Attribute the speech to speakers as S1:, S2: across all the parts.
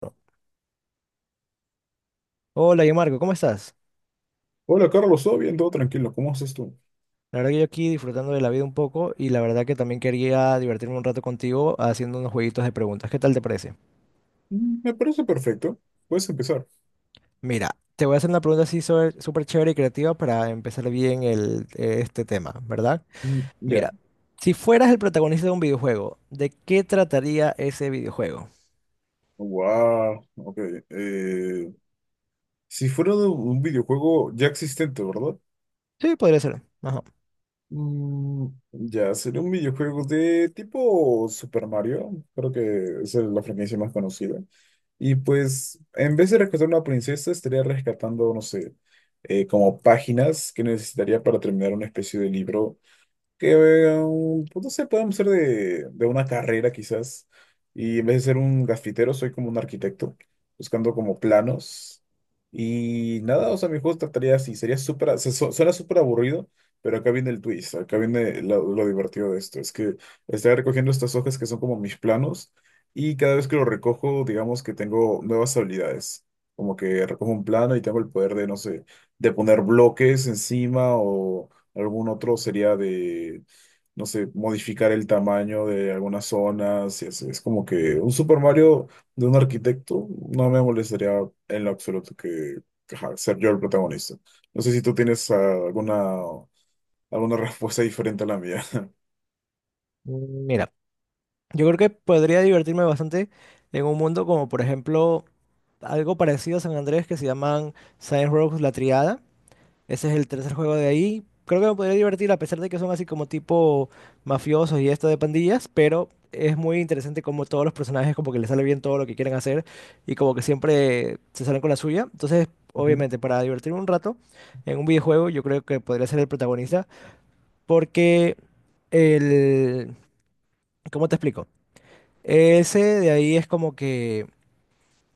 S1: Bueno, hola, yo Marco, ¿cómo estás?
S2: Hola Carlos, todo bien, todo tranquilo, ¿cómo haces tú?
S1: La verdad que yo aquí disfrutando de la vida un poco y la verdad que también quería divertirme un rato contigo haciendo unos jueguitos de preguntas. ¿Qué tal te parece?
S2: Me parece perfecto, puedes empezar.
S1: Mira, te voy a hacer una pregunta así súper chévere y creativa para empezar bien el, este tema, ¿verdad?
S2: Mm, ya.
S1: Mira, si fueras el protagonista de un videojuego, ¿de qué trataría ese videojuego?
S2: Wow, ok. eh, si fuera de un videojuego ya existente, ¿verdad?
S1: Sí, podría ser. Ajá.
S2: Mm, ya, sería un videojuego de tipo Super Mario, creo que esa es la franquicia más conocida. Y pues, en vez de rescatar una princesa, estaría rescatando, no sé, como páginas que necesitaría para terminar una especie de libro. Que, pues no sé, podemos ser de una carrera quizás. Y en vez de ser un grafitero, soy como un arquitecto, buscando como planos. Y nada, o sea, mi juego trataría así, sería súper, suena súper aburrido, pero acá viene el twist, acá viene lo divertido de esto. Es que estoy recogiendo estas hojas que son como mis planos y cada vez que lo recojo, digamos que tengo nuevas habilidades. Como que recojo un plano y tengo el poder de, no sé, de poner bloques encima. Algún otro sería de, no sé, modificar el tamaño de algunas zonas. Y así. Es como que un Super Mario de un arquitecto no me molestaría en lo absoluto que, ajá, ser yo el protagonista. No sé si tú tienes alguna respuesta diferente a la mía.
S1: Mira, yo creo que podría divertirme bastante en un mundo como por ejemplo algo parecido a San Andrés que se llaman Science Row La Triada. Ese es el tercer juego de ahí. Creo que me podría divertir a pesar de que son así como tipo mafiosos y esto de pandillas, pero es muy interesante como todos los personajes como que les sale bien todo lo que quieren hacer y como que siempre se salen con la suya. Entonces,
S2: Ujú.
S1: obviamente, para divertirme un rato en un videojuego, yo creo que podría ser el protagonista porque el... ¿Cómo te explico? Ese de ahí es como que...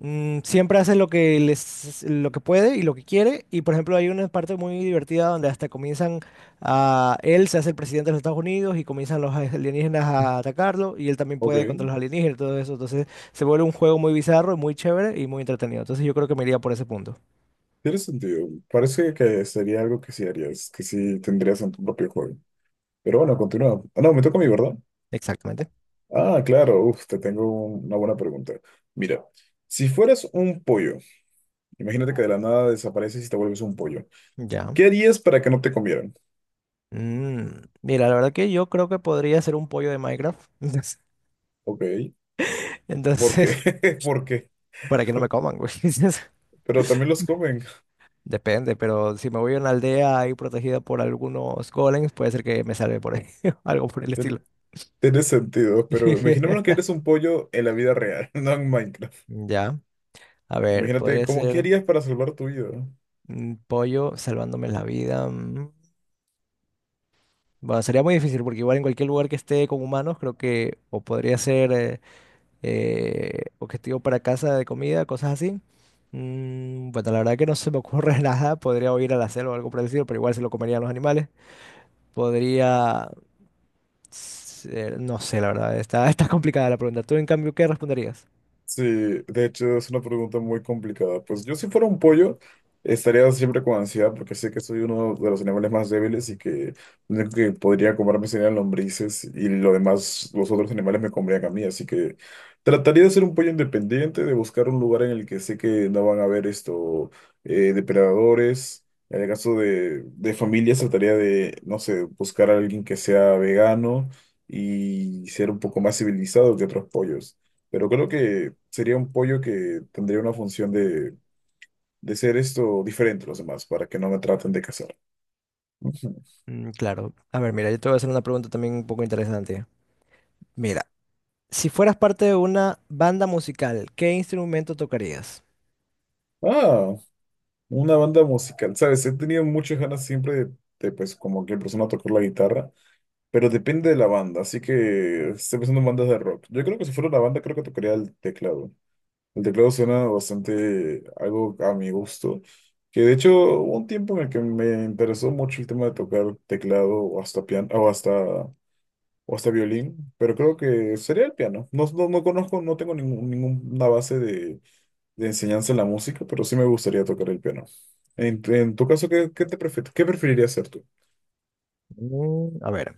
S1: Mm, siempre hace lo que puede y lo que quiere. Y por ejemplo, hay una parte muy divertida donde hasta comienzan a él se hace el presidente de los Estados Unidos y comienzan los alienígenas a atacarlo y él también
S2: Ok,
S1: puede contra los alienígenas y todo eso. Entonces se vuelve un juego muy bizarro, muy chévere y muy entretenido. Entonces yo creo que me iría por ese punto.
S2: tiene sentido. Parece que sería algo que sí harías, que sí tendrías en tu propio juego. Pero bueno, continúa. Ah, no, me toca a mí, ¿verdad?
S1: Exactamente.
S2: Ah, claro, uf, te tengo una buena pregunta. Mira, si fueras un pollo, imagínate que de la nada desapareces y te vuelves un pollo.
S1: Ya.
S2: ¿Qué harías para que no te comieran?
S1: Mm, mira, la verdad que yo creo que podría ser un pollo de Minecraft.
S2: Ok, ¿por qué?
S1: Entonces,
S2: ¿Por qué?
S1: para que no me coman, güey.
S2: Pero también los comen.
S1: Depende, pero si me voy a una aldea ahí protegida por algunos golems, puede ser que me salve por ahí, algo por el
S2: Tiene,
S1: estilo.
S2: tiene sentido, pero imaginémonos que eres un pollo en la vida real, no en Minecraft.
S1: Ya, a ver,
S2: Imagínate,
S1: podría
S2: ¿cómo, qué
S1: ser
S2: harías para salvar tu vida?
S1: un pollo salvándome la vida. Mm. Bueno, sería muy difícil porque igual en cualquier lugar que esté con humanos, creo que o podría ser objetivo para casa de comida, cosas así. Mm, bueno, la verdad que no se me ocurre nada. Podría o ir a la selva o algo por el estilo, pero igual se lo comerían los animales. Podría no sé, la verdad, está, está complicada la pregunta. ¿Tú, en cambio, qué responderías?
S2: Sí, de hecho es una pregunta muy complicada. Pues yo, si fuera un pollo, estaría siempre con ansiedad porque sé que soy uno de los animales más débiles y que lo único que podría comerme serían lombrices y lo demás, los otros animales me comerían a mí. Así que trataría de ser un pollo independiente, de buscar un lugar en el que sé que no van a haber esto, depredadores. En el caso de familias, trataría de, no sé, buscar a alguien que sea vegano y ser un poco más civilizado que otros pollos. Pero creo que sería un pollo que tendría una función de ser esto diferente a los demás, para que no me traten de cazar. Ujú.
S1: Mm, claro. A ver, mira, yo te voy a hacer una pregunta también un poco interesante. Mira, si fueras parte de una banda musical, ¿qué instrumento tocarías?
S2: Ah, una banda musical. Sabes, he tenido muchas ganas siempre de, pues, como que persona tocar la guitarra, pero depende de la banda, así que estoy pensando en bandas de rock. Yo creo que si fuera una banda, creo que tocaría el teclado. El teclado suena bastante algo a mi gusto. Que de hecho, hubo un tiempo en el que me interesó mucho el tema de tocar teclado o hasta piano, o hasta violín, pero creo que sería el piano. No, no, no conozco, no tengo ninguna base de enseñanza en la música, pero sí me gustaría tocar el piano. En tu caso, ¿qué preferirías hacer tú?
S1: Mm, a ver.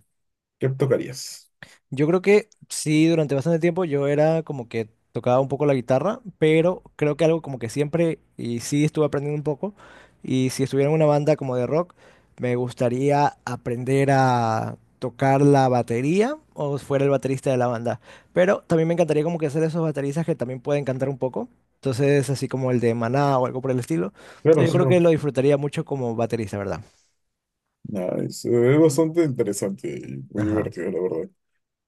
S2: ¿Qué tocarías?
S1: Yo creo que sí, durante bastante tiempo yo era como que tocaba un poco la guitarra, pero creo que algo como que siempre, y sí estuve aprendiendo un poco, y si estuviera en una banda como de rock, me gustaría aprender a tocar la batería o fuera el baterista de la banda. Pero también me encantaría como que hacer esos bateristas que también pueden cantar un poco. Entonces, así como el de Maná o algo por el estilo. Entonces,
S2: Claro,
S1: yo creo
S2: solo.
S1: que lo disfrutaría mucho como baterista, ¿verdad?
S2: Nada, es bastante interesante y muy
S1: Ajá.
S2: divertido, la verdad.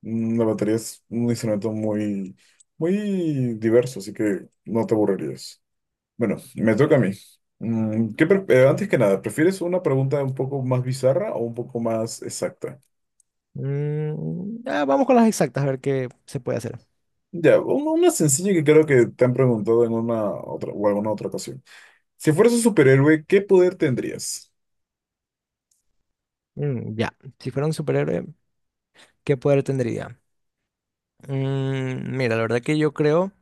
S2: La batería es un instrumento muy, muy diverso, así que no te aburrirías. Bueno, me toca a mí. Antes que nada, ¿prefieres una pregunta un poco más bizarra o un poco más exacta?
S1: Mm, ah, vamos con las exactas, a ver qué se puede hacer.
S2: Ya, una sencilla que creo que te han preguntado en una otra o alguna otra ocasión. Si fueras un superhéroe, ¿qué poder tendrías?
S1: Mm, ya, si fuera un superhéroe, ¿qué poder tendría? Mm, mira, la verdad que yo creo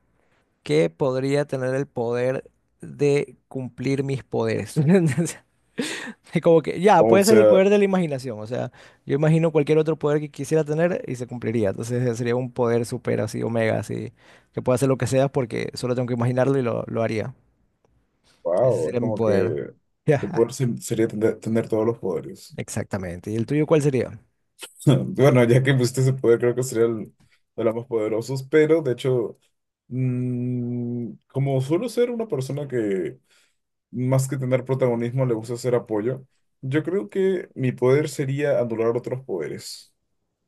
S1: que podría tener el poder de cumplir mis poderes. Es como que ya,
S2: O
S1: puede ser el
S2: sea,
S1: poder de la imaginación. O sea, yo imagino cualquier otro poder que quisiera tener y se cumpliría. Entonces sería un poder super así, omega, así, que pueda hacer lo que sea porque solo tengo que imaginarlo y lo haría. Ese
S2: wow, es
S1: sería mi
S2: como
S1: poder.
S2: que tu poder sería tener, tener todos los poderes.
S1: Exactamente. ¿Y el tuyo cuál sería?
S2: Bueno, ya que pusiste ese poder, creo que sería el de los más poderosos, pero de hecho, como suelo ser una persona que más que tener protagonismo le gusta hacer apoyo, yo creo que mi poder sería anular otros poderes.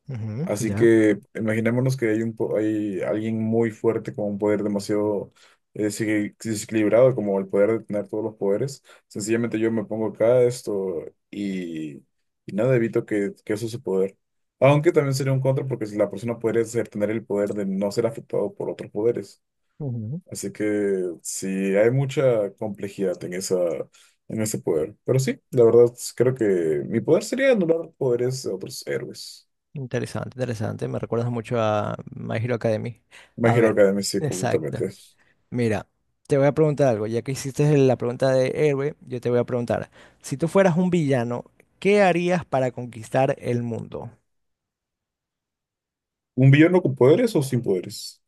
S1: Ujú,
S2: Así
S1: ya.
S2: que imaginémonos que hay alguien muy fuerte con un poder demasiado desequilibrado, como el poder de tener todos los poderes. Sencillamente yo me pongo acá esto y, y nada, evito que eso se poder. Aunque también sería un contra porque si la persona podría ser- tener el poder de no ser afectado por otros poderes. Así que sí, hay mucha complejidad en esa, en ese poder. Pero sí, la verdad creo que mi poder sería anular poderes de otros héroes.
S1: Interesante, interesante. Me recuerdas mucho a My Hero Academy.
S2: My
S1: A
S2: Hero
S1: ver,
S2: Academia, sí,
S1: exacto.
S2: completamente.
S1: Mira, te voy a preguntar algo. Ya que hiciste la pregunta de héroe, yo te voy a preguntar. Si tú fueras un villano, ¿qué harías para conquistar el mundo?
S2: ¿Un villano con poderes o sin poderes?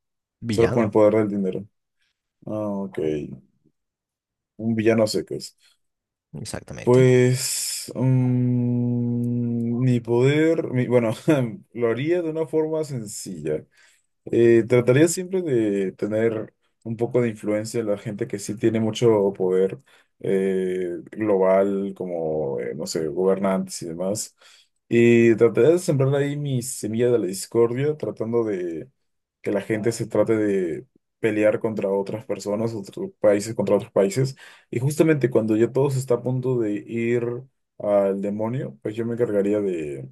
S2: Solo con el
S1: Villano,
S2: poder del dinero. Ah, ok. Un villano a secas.
S1: exactamente.
S2: Pues. Mi poder. Bueno, lo haría de una forma sencilla. Trataría siempre de tener un poco de influencia en la gente que sí tiene mucho poder global, como, no sé, gobernantes y demás. Y trataría de sembrar ahí mi semilla de la discordia, tratando de que la gente se trate de pelear contra otras personas, otros países contra otros países. Y justamente cuando ya todo se está a punto de ir al demonio, pues yo me encargaría de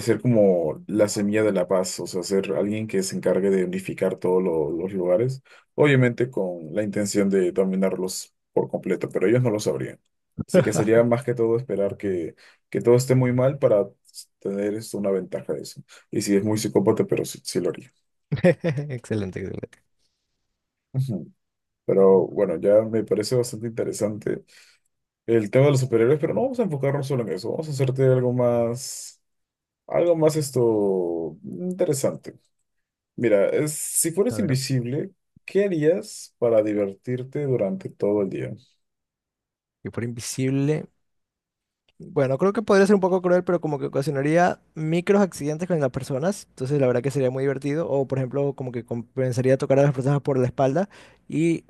S2: ser como la semilla de la paz, o sea, ser alguien que se encargue de unificar todos los lugares, obviamente con la intención de dominarlos por completo, pero ellos no lo sabrían. Así que sería más que todo esperar que todo esté muy mal para tener esto, una ventaja de eso. Y si es muy psicópata, pero sí, sí lo haría.
S1: Excelente, excelente.
S2: Ujú. Pero bueno, ya me parece bastante interesante el tema de los superhéroes, pero no vamos a enfocarnos solo en eso, vamos a hacerte algo más esto interesante. Mira, si
S1: A
S2: fueras
S1: ver.
S2: invisible, ¿qué harías para divertirte durante todo el día?
S1: Y por invisible. Bueno, creo que podría ser un poco cruel, pero como que ocasionaría micros accidentes con las personas. Entonces, la verdad que sería muy divertido. O, por ejemplo, como que compensaría tocar a las personas por la espalda. Y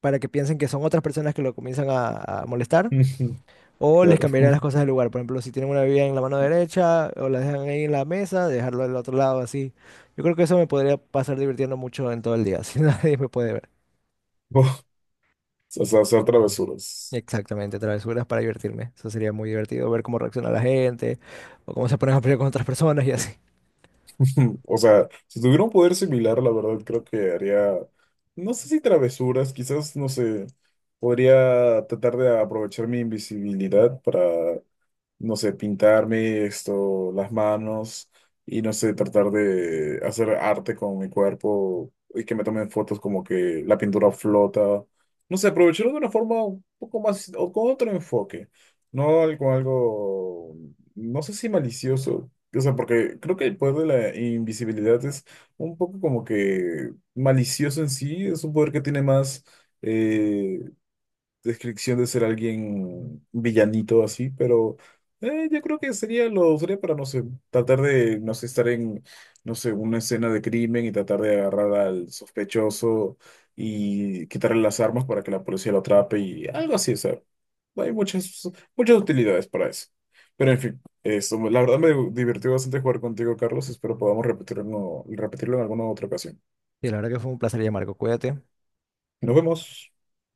S1: para que piensen que son otras personas que lo comienzan a molestar, o les
S2: Claro.
S1: cambiarían las cosas de lugar. Por ejemplo, si tienen una bebida en la mano derecha o la dejan ahí en la mesa, dejarlo del otro lado así. Yo creo que eso me podría pasar divirtiendo mucho en todo el día, si nadie me puede ver.
S2: O sea, hacer travesuras.
S1: Exactamente, travesuras para divertirme. Eso sería muy divertido, ver cómo reacciona la gente o cómo se ponen a pelear con otras personas y así.
S2: O sea, si tuviera un poder similar, la verdad creo que haría, no sé si travesuras, quizás, no sé, podría tratar de aprovechar mi invisibilidad para, no sé, pintarme esto, las manos y no sé, tratar de hacer arte con mi cuerpo y que me tomen fotos como que la pintura flota. No sé, aprovecharlo de una forma un poco más o con otro enfoque, no algo, algo, no sé si malicioso. O sea, porque creo que el poder de la invisibilidad es un poco como que malicioso en sí, es un poder que tiene más, eh, descripción de ser alguien villanito así, pero yo creo que sería lo sería para, no sé, tratar de, no sé, estar en, no sé, una escena de crimen y tratar de agarrar al sospechoso y quitarle las armas para que la policía lo atrape y algo así, o sea, hay muchas, muchas utilidades para eso. Pero en fin, eso, la verdad me divirtió bastante jugar contigo, Carlos. Espero podamos repetirlo en alguna otra ocasión.
S1: Y la verdad que fue un placer, Marco. Cuídate.
S2: Nos vemos.